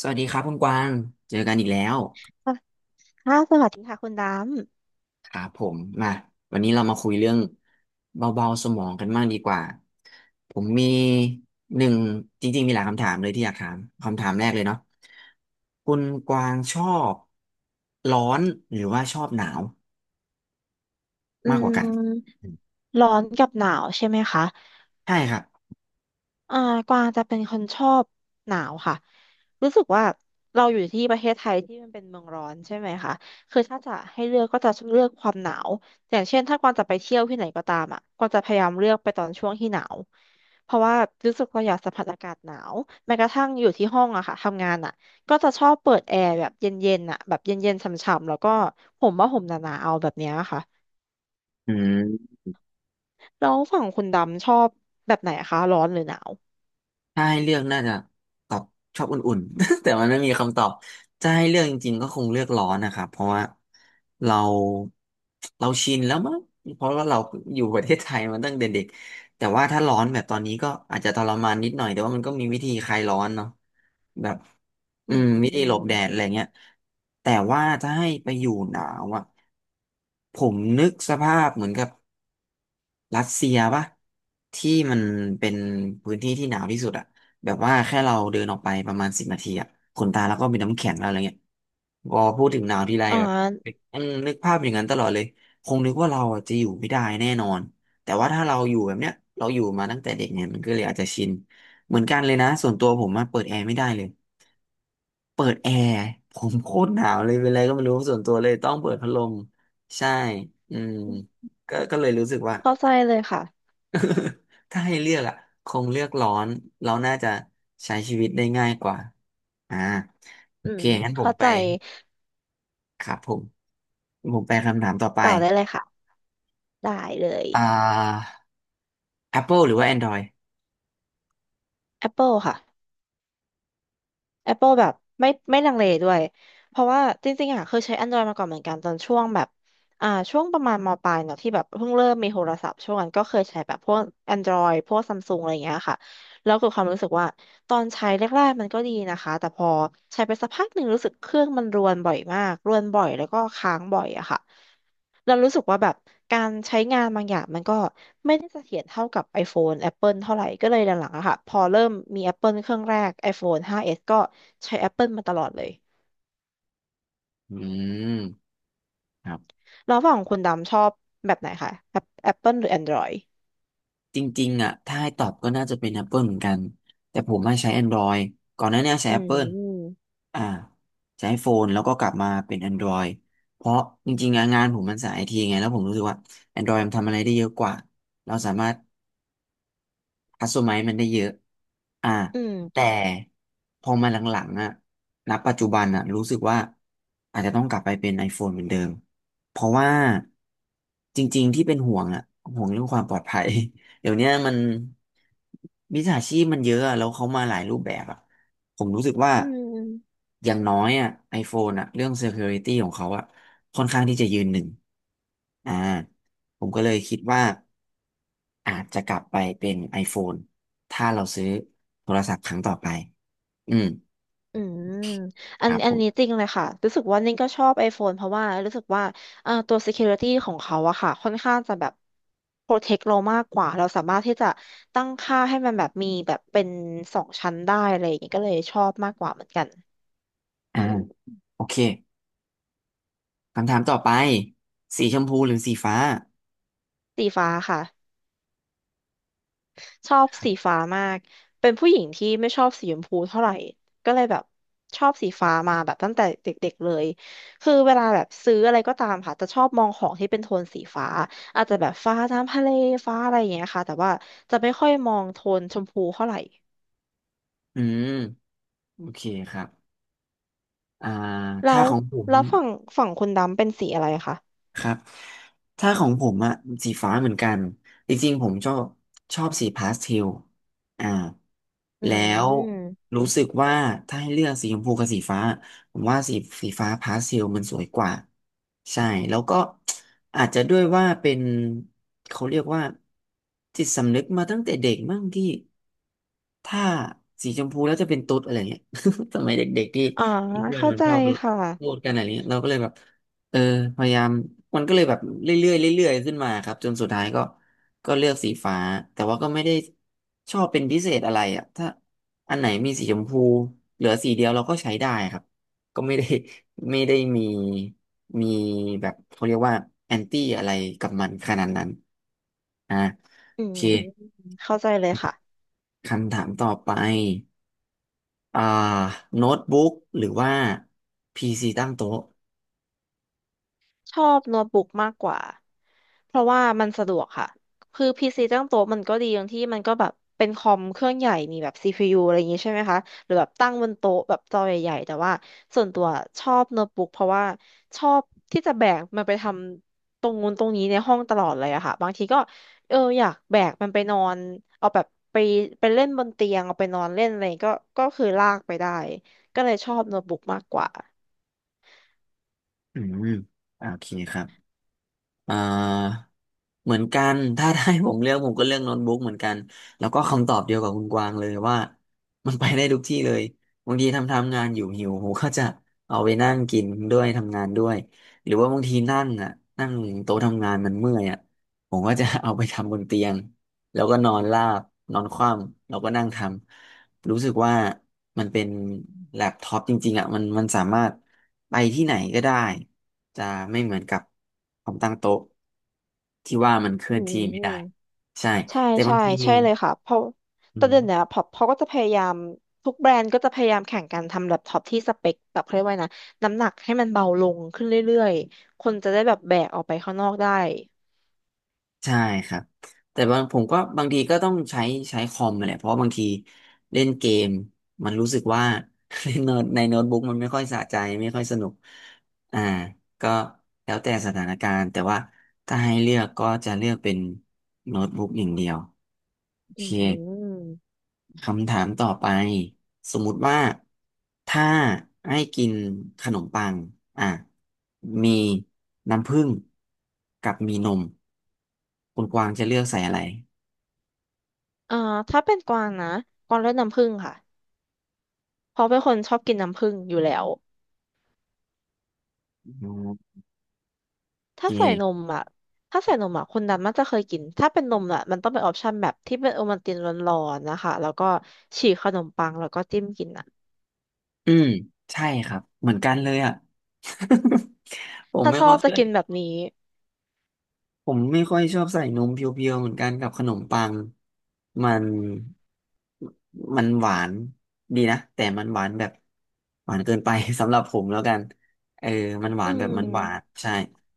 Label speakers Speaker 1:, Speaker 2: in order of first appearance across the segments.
Speaker 1: สวัสดีครับคุณกวาง เจอกันอีกแล้ว
Speaker 2: ค่ะสวัสดีค่ะคุณด
Speaker 1: ครับผมมาวันนี้เรามาคุยเรื่องเบาๆสมองกันบ้างดีกว่าผมมีหนึ่งจริงๆมีหลายคำถามเลยที่อยากถามคำถามแรกเลยเนาะคุณกวางชอบร้อนหรือว่าชอบหนาว
Speaker 2: ำ
Speaker 1: มากกว่ากัน
Speaker 2: ร้อนกับหนาวใช่ไหมคะ
Speaker 1: ใช่ครับ
Speaker 2: อ่ากวางจะเป็นคนชอบหนาวค่ะรู้สึกว่าเราอยู่ที่ประเทศไทยที่มันเป็นเมืองร้อนใช่ไหมคะคือถ้าจะให้เลือกก็จะเลือกความหนาวอย่างเช่นถ้ากวางจะไปเที่ยวที่ไหนก็ตามอ่ะกวางจะพยายามเลือกไปตอนช่วงที่หนาวเพราะว่ารู้สึกเราอยากสัมผัสอากาศหนาวแม้กระทั่งอยู่ที่ห้องอะค่ะทำงานอะก็จะชอบเปิดแอร์แบบเย็นๆน่ะแบบเย็นๆฉ่ำๆแล้วก็ห่มว่าห่มหนาๆเอาแบบเนี้ยค่ะ
Speaker 1: อืม
Speaker 2: แล้วฝั่งคุณดำชอบแบบไหนคะร้อนหรือหนาว
Speaker 1: ถ้าให้เลือกน่าจะตอบชอบอุ่นๆ แต่มันไม่มีคำตอบจะให้เลือกจริงๆก็คงเลือกร้อนนะครับเพราะว่าเราเราชินแล้วมั้งเพราะว่าเราอยู่ประเทศไทยมาตั้งแต่เด็กแต่ว่าถ้าร้อนแบบตอนนี้ก็อาจจะทรมานนิดหน่อยแต่ว่ามันก็มีวิธีคลายร้อนเนาะแบบ
Speaker 2: อืม
Speaker 1: วิ
Speaker 2: อ
Speaker 1: ธีหลบแดดอะ
Speaker 2: ม
Speaker 1: ไรเงี้ยแต่ว่าถ้าให้ไปอยู่หนาวอะผมนึกสภาพเหมือนกับ รัสเซียปะที่มันเป็นพื้นที่ที่หนาวที่สุดอะแบบว่าแค่เราเดินออกไปประมาณสิบนาทีอะขนตาแล้วก็มีน้ำแข็งแล้วอะไรเงี้ยพอพูดถึงหนาวทีไร
Speaker 2: อ่
Speaker 1: แบบ
Speaker 2: า
Speaker 1: นึกภาพอย่างนั้นตลอดเลยคงนึกว่าเราอะจะอยู่ไม่ได้แน่นอนแต่ว่าถ้าเราอยู่แบบเนี้ยเราอยู่มาตั้งแต่เด็กเนี่ยมันก็เลยอาจจะชินเหมือนกันเลยนะส่วนตัวผมอะเปิดแอร์ไม่ได้เลยเปิดแอร์ผมโคตรหนาวเลยเป็นไรก็ไม่รู้ส่วนตัวเลยต้องเปิดพัดลมใช่อืมก็เลยรู้สึกว่า
Speaker 2: เข้าใจเลยค่ะ
Speaker 1: ถ้าให้เลือกอ่ะคงเลือกร้อนเราน่าจะใช้ชีวิตได้ง่ายกว่าอ่าโอ
Speaker 2: อื
Speaker 1: เค
Speaker 2: ม
Speaker 1: งั้นผม
Speaker 2: เข้า
Speaker 1: ไป
Speaker 2: ใจ
Speaker 1: ครับผมผมไปคำถามต่อไป
Speaker 2: ต่อได้เลยค่ะได้เลย
Speaker 1: อ่า Apple หรือว่า Android
Speaker 2: Apple ค่ะ Apple แบบไม่ลังเลด้วย เพราะว่าจริงๆอ่ะเคยใช้ Android มาก่อนเหมือนกันตอนช่วงแบบช่วงประมาณมปลายเนาะที่แบบเพิ่งเริ่มมีโทรศัพท์ช่วงนั้นก็เคยใช้แบบพวก Android พวกซัมซุงอะไรอย่างเงี้ยค่ะแล้วเกิดความรู้สึกว่าตอนใช้แรกๆมันก็ดีนะคะแต่พอใช้ไปสักพักหนึ่งรู้สึกเครื่องมันรวนบ่อยมากรวนบ่อยแล้วก็ค้างบ่อยอะค่ะ เรารู้สึกว่าแบบการใช้งานบางอย่างมันก็ไม่ได้เสถียรเท่ากับ iPhone Apple เท่าไหร่ก็เลยหลังๆอะค่ะพอเริ่มมี Apple เครื่องแรก iPhone 5S ก็ใช้ Apple มาตลอดเลย
Speaker 1: อืมครับ
Speaker 2: แล้วฝั่งคุณดำชอบแบบไหนคะ Apple หรือ Android
Speaker 1: จริงๆอ่ะถ้าให้ตอบก็น่าจะเป็น Apple เหมือนกันแต่ผมไม่ใช้ Android ก่อนหน้าเนี้ใช้
Speaker 2: อื
Speaker 1: Apple
Speaker 2: ม
Speaker 1: อ่าใช้โฟนแล้วก็กลับมาเป็น Android เพราะจริงๆอะงานผมมันสายไอทีไงแล้วผมรู้สึกว่า Android มันทำอะไรได้เยอะกว่าเราสามารถ ฮัตสึไมะมันได้เยอะอ่า
Speaker 2: อืม
Speaker 1: แต่พอมาหลังๆอ่ะณปัจจุบันอ่ะรู้สึกว่าอาจจะต้องกลับไปเป็น iPhone เหมือนเดิมเพราะว่าจริงๆที่เป็นห่วงอ่ะห่วงเรื่องความปลอดภัย เดี๋ยวเนี้ยมันมิจฉาชีพมันเยอะอะแล้วเขามาหลายรูปแบบอ่ะผมรู้สึกว่า
Speaker 2: อืม
Speaker 1: อย่างน้อยอ่ะ iPhone อ่ะเรื่อง security ของเขาอ่ะค่อนข้างที่จะยืนหนึ่งอ่า ผมก็เลยคิดว่าอาจจะกลับไปเป็น iPhone ถ้าเราซื้อโทรศัพท์ครั้งต่อไป อืม
Speaker 2: อืมอั
Speaker 1: ค
Speaker 2: น
Speaker 1: รับ
Speaker 2: อั
Speaker 1: ผ
Speaker 2: นนี้จ
Speaker 1: ม
Speaker 2: ริงเลยค่ะรู้สึกว่านิ่งก็ชอบ iPhone เพราะว่ารู้สึกว่าตัว security ของเขาอะค่ะค่อนข้างจะแบบ protect เรามากกว่าเราสามารถที่จะตั้งค่าให้มันแบบมีแบบเป็นสองชั้นได้อะไรอย่างเงี้ยก็เลยชอบมากกว่าเหมือนกัน
Speaker 1: อ่าโอเคคำถามต่อไปสีชมพูหรือสีฟ้า
Speaker 2: สีฟ้าค่ะ ชอบสีฟ้ามากเป็นผู้หญิงที่ไม่ชอบสีชมพูเท่าไหร่ก็เลยแบบชอบสีฟ้ามาแบบตั้งแต่เด็กๆเลยคือเวลาแบบซื้ออะไรก็ตามค่ะจะชอบมองของที่เป็นโทนสีฟ้าอาจจะแบบฟ้าน้ำทะเลฟ้าอะไรอย่างเงี้ยค่ะแต่ว่าจะไม่ค่อยมองโทนชมพูเท่าไหร่
Speaker 1: อืม โอเคครับอ่า
Speaker 2: แล้
Speaker 1: ถ้า
Speaker 2: ว
Speaker 1: ของผม
Speaker 2: แล้วฝั่งคุณดำเป็นสีอะไรคะ
Speaker 1: ครับถ้าของผมอะสีฟ้าเหมือนกันจริงๆผมชอบชอบสีพาสเทลอ่า
Speaker 2: อื
Speaker 1: แล้ว
Speaker 2: ม
Speaker 1: รู้สึกว่าถ้าให้เลือกสีชมพูกับสีฟ้าผมว่าสีฟ้าพาสเทลมันสวยกว่าใช่แล้วก็อาจจะด้วยว่าเป็นเขาเรียกว่าจิตสำนึกมาตั้งแต่เด็กมั่งที่ถ้าสีชมพูแล้วจะเป็นตุ๊ดอะไรเงี้ย สมัยเด็กๆที่
Speaker 2: อ่า
Speaker 1: เพื่อน
Speaker 2: เข้า
Speaker 1: มัน
Speaker 2: ใจ
Speaker 1: ชอบ
Speaker 2: ค่ะ
Speaker 1: พูดกันอะไรเงี้ยเราก็เลยแบบ เออพยายามมันก็เลยแบบเรื่อยๆเรื่อยๆขึ้นมาครับจนสุดท้ายก็เลือกสีฟ้าแต่ว่าก็ไม่ได้ชอบเป็นพิเศษอะไรอ่ะถ้าอันไหนมีสีชมพูเหลือสีเดียวเราก็ใช้ได้ครับก็ไม่ได้ ไม่ได้มีมีแบบเขาเรียกว่าแอนตี้อะไรกับมันขนาดนั้นอ่ะ
Speaker 2: อื
Speaker 1: โอเค
Speaker 2: มเข้าใจเลยค่ะ
Speaker 1: คำถามต่อไปอ่าโน้ตบุ๊กหรือว่าพีซีตั้งโต๊ะ
Speaker 2: ชอบโน้ตบุ๊กมากกว่า เพราะว่ามันสะดวกค่ะ คือพีซีตั้งโต๊ะมันก็ดีตรงที่มันก็แบบเป็นคอมเครื่องใหญ่มีแบบ CPU อะไรอย่างงี้ใช่ไหมคะ หรือแบบตั้งบนโต๊ะแบบจอใหญ่ๆแต่ว่าส่วนตัวชอบโน้ตบุ๊กเพราะว่าชอบที่จะแบกมันไปทำตรงนู้นตรงนี้ในห้องตลอดเลยอะค่ะบางทีก็เอออยากแบกมันไปนอนเอาแบบไปไปเล่นบนเตียงเอาไปนอนเล่นอะไรก็คือลากไปได้ก็เลยชอบโน้ตบุ๊กมากกว่า
Speaker 1: อืมโอเคครับ อ่าเหมือนกันถ้าได้ผมเลือกผมก็เลือกโน้ตบุ๊กเหมือนกันแล้วก็คำตอบเดียวกับคุณกวางเลยว่ามันไปได้ทุกที่เลยบางทีทำทำงานอยู่หิวผมก็จะเอาไปนั่งกินด้วยทำงานด้วยหรือว่าบางทีนั่งอ่ะนั่งโต๊ะทำงานมันเมื่อยอ่ะผมก็จะเอาไปทำบนเตียงแล้วก็นอนราบนอนคว่ำแล้วก็นั่งทำ รู้สึกว่ามันเป็นแล็ปท็อปจริงๆอ่ะมันสามารถไปที่ไหนก็ได้จะไม่เหมือนกับคอมตั้งโต๊ะที่ว่ามันเคลื่
Speaker 2: อื
Speaker 1: อนที่
Speaker 2: ม
Speaker 1: ไม่ได้ใช่
Speaker 2: ใช่
Speaker 1: แต่บา
Speaker 2: ใช่
Speaker 1: งที
Speaker 2: ใช่เลยค่ะเพราะ
Speaker 1: อื
Speaker 2: แต่
Speaker 1: ม
Speaker 2: เดี๋ยวนี้พอเขาก็จะพยายามทุกแบรนด์ก็จะพยายามแข่งกันทำแล็ปท็อปที่สเปคแบบเขาเรียกว่าไงนะน้ำหนักให้มันเบาลงขึ้นเรื่อยๆคนจะได้แบบแบกออกไปข้างนอกได้
Speaker 1: ใช่ครับแต่บางผมก็บางทีก็ต้องใช้ใช้คอมมาแหละเพราะว่าบางทีเล่นเกมมันรู้สึกว่า เล่นโน้ตในโน้ตบุ๊กมันไม่ค่อยสะใจไม่ค่อยสนุกอ่าก็แล้วแต่สถานการณ์แต่ว่าถ้าให้เลือกก็จะเลือกเป็นโน้ตบุ๊กอย่างเดียวโอ
Speaker 2: อื
Speaker 1: เค
Speaker 2: ม
Speaker 1: คำถามต่อไปสมมุติว่าถ้าให้กินขนมปังอ่ะมีน้ำผึ้งกับมีนมคุณกวางจะเลือกใส่อะไร
Speaker 2: อ่าถ้าเป็นกวางนะกวางเลือกน้ำผึ้งค่ะเพราะเป็นคนชอบกินน้ำผึ้งอยู่แล้ว
Speaker 1: อืมโอ
Speaker 2: ถ้าใส่น
Speaker 1: เค
Speaker 2: มอ่ะถ้าใส่นมอ่ะคนดำนักจะเคยกินถ้าเป็นนมอ่ะมันต้องเป็นออปชันแบบที่เป็นโอวัลตินร้อนๆนะคะแล้วก็ฉีกขนมปังแล้วก็จิ้มกินอ่ะ
Speaker 1: อืมใช่ครับเหมือนกันเลยอ่ะ ผม
Speaker 2: ถ้า
Speaker 1: ไม่
Speaker 2: ชอ
Speaker 1: ค่อย
Speaker 2: บจะ
Speaker 1: เชื่อ
Speaker 2: กินแบบนี้
Speaker 1: ผมไม่ค่อยชอบใส่นมเพียวๆเหมือนกันกับขนมปังมันมันหวานดีนะแต่มันหวานแบบหวานเกินไป สำหรับผมแล้วกันเออมันหวา
Speaker 2: อื
Speaker 1: นแบบมันหวาน
Speaker 2: ม
Speaker 1: ใช่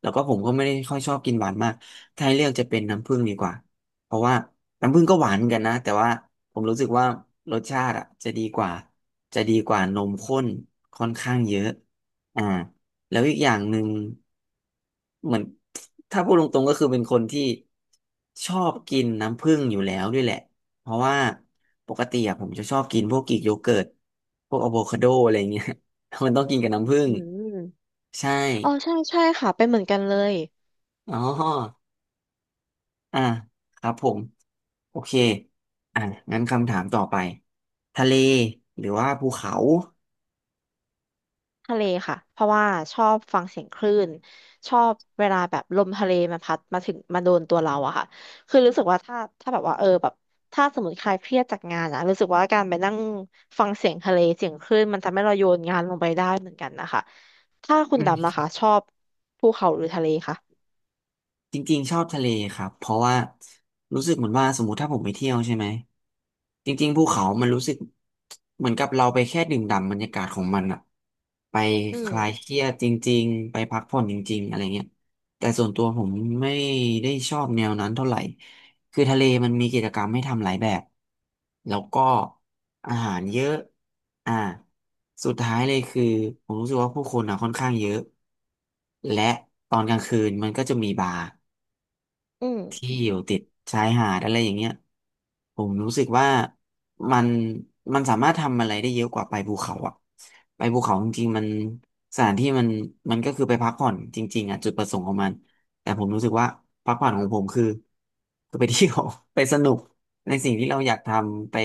Speaker 1: แล้วก็ผมก็ไม่ได้ค่อยชอบกินหวานมากถ้าให้เลือกจะเป็นน้ำผึ้งดีกว่าเพราะว่าน้ำผึ้งก็หวานเหมือนกันนะแต่ว่าผมรู้สึกว่ารสชาติอ่ะจะดีกว่าจะดีกว่านมข้นค่อนข้างเยอะอ่า แล้วอีกอย่างหนึ่งเหมือนถ้าพูดตรงๆก็คือเป็นคนที่ชอบกินน้ำผึ้งอยู่แล้วด้วยแหละเพราะว่าปกติอะผมจะชอบกินพวกกรีกโยเกิร์ตพวกอะโวคาโดอะไรเงี้ย มันต้องกินกับน้ำผึ้ง
Speaker 2: อืม
Speaker 1: ใช่
Speaker 2: อ๋อใช่ใช่ค่ะเป็นเหมือนกันเลย
Speaker 1: อ๋ออ่ะครับผมโอเคอ่ะงั้นคำถามต่อไปทะเลหรือว่าภูเขา
Speaker 2: ทะเลค่ะเพราะว่าชอบฟังเสียงคลื่นชอบเวลาแบบลมทะเลมันพัดมาถึงมาโดนตัวเราอะค่ะคือรู้สึกว่าถ้าแบบว่าเออแบบถ้าสมมติใครเครียดจากงานอะรู้สึกว่าการไปนั่งฟังเสียงทะเลเสียงคลื่นมันทำให้เราโยนงานลงไปได้เหมือนกันนะคะ ถ้าคุณดำนะคะชอบภูเขาหรือทะเลคะ
Speaker 1: จริงๆชอบทะเลครับเพราะว่ารู้สึกเหมือนว่าสมมติถ้าผมไปเที่ยวใช่ไหมจริงๆภูเขามันรู้สึกเหมือนกับเราไปแค่ดื่มด่ำบรรยากาศของมันอะไป
Speaker 2: อื
Speaker 1: ค
Speaker 2: ม
Speaker 1: ลายเครียดจริงๆไปพักผ่อนจริงๆอะไรเงี้ยแต่ส่วนตัวผมไม่ได้ชอบแนวนั้นเท่าไหร่คือทะเลมันมีกิจกรรมให้ทำหลายแบบแล้วก็อาหารเยอะอ่าสุดท้ายเลยคือผมรู้สึกว่าผู้คนอะค่อนข้างเยอะและตอนกลางคืนมันก็จะมีบาร์
Speaker 2: อืม
Speaker 1: ที่อยู่ติดชายหาดอะไรอย่างเงี้ยผมรู้สึกว่ามันมันสามารถทำอะไรได้เยอะกว่าไปภูเขาอะไปภูเขาจริงๆมันสถานที่มันก็คือไปพักผ่อนจริงๆอะจุดประสงค์ของมันแต่ผมรู้สึกว่าพักผ่อนของผมคือคือไปเที่ยว ไปสนุกในสิ่งที่เราอยากทำไป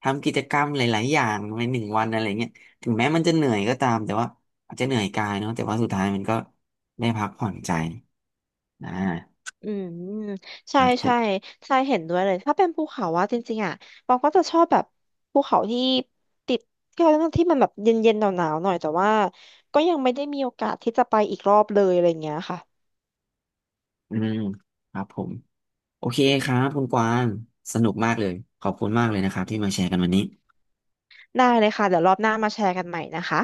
Speaker 1: ทำกิจกรรมหลายๆอย่างในหนึ่งวันอะไรเงี้ยถึงแม้มันจะเหนื่อยก็ตามแต่ว่าอาจจะเหนื่อยกายเนาะแต่ว่าสุดท้ายมันก็ได้พักผ่อนใจนะ
Speaker 2: อืม
Speaker 1: ค
Speaker 2: ใช่
Speaker 1: รับผ
Speaker 2: ใช่
Speaker 1: ม
Speaker 2: ใช่เห็นด้วยเลยถ้าเป็นภูเขาว่าจริงๆอ่ะบางก็จะชอบแบบภูเขาที่ติดที่เขาเรียกว่าที่มันแบบเย็นๆหนาวๆหน่อยแต่ว่าก็ยังไม่ได้มีโอกาสที่จะไปอีกรอบเลยอะไรอย่างเงี้ยค่ะ
Speaker 1: อืมครับผมโอเคครับคุณกวางสนุกมากเลยขอบคุณมากเลยนะครับที่มาแชร์กันวันนี้
Speaker 2: ได้เลยค่ะเดี๋ยวรอบหน้ามาแชร์กันใหม่นะคะ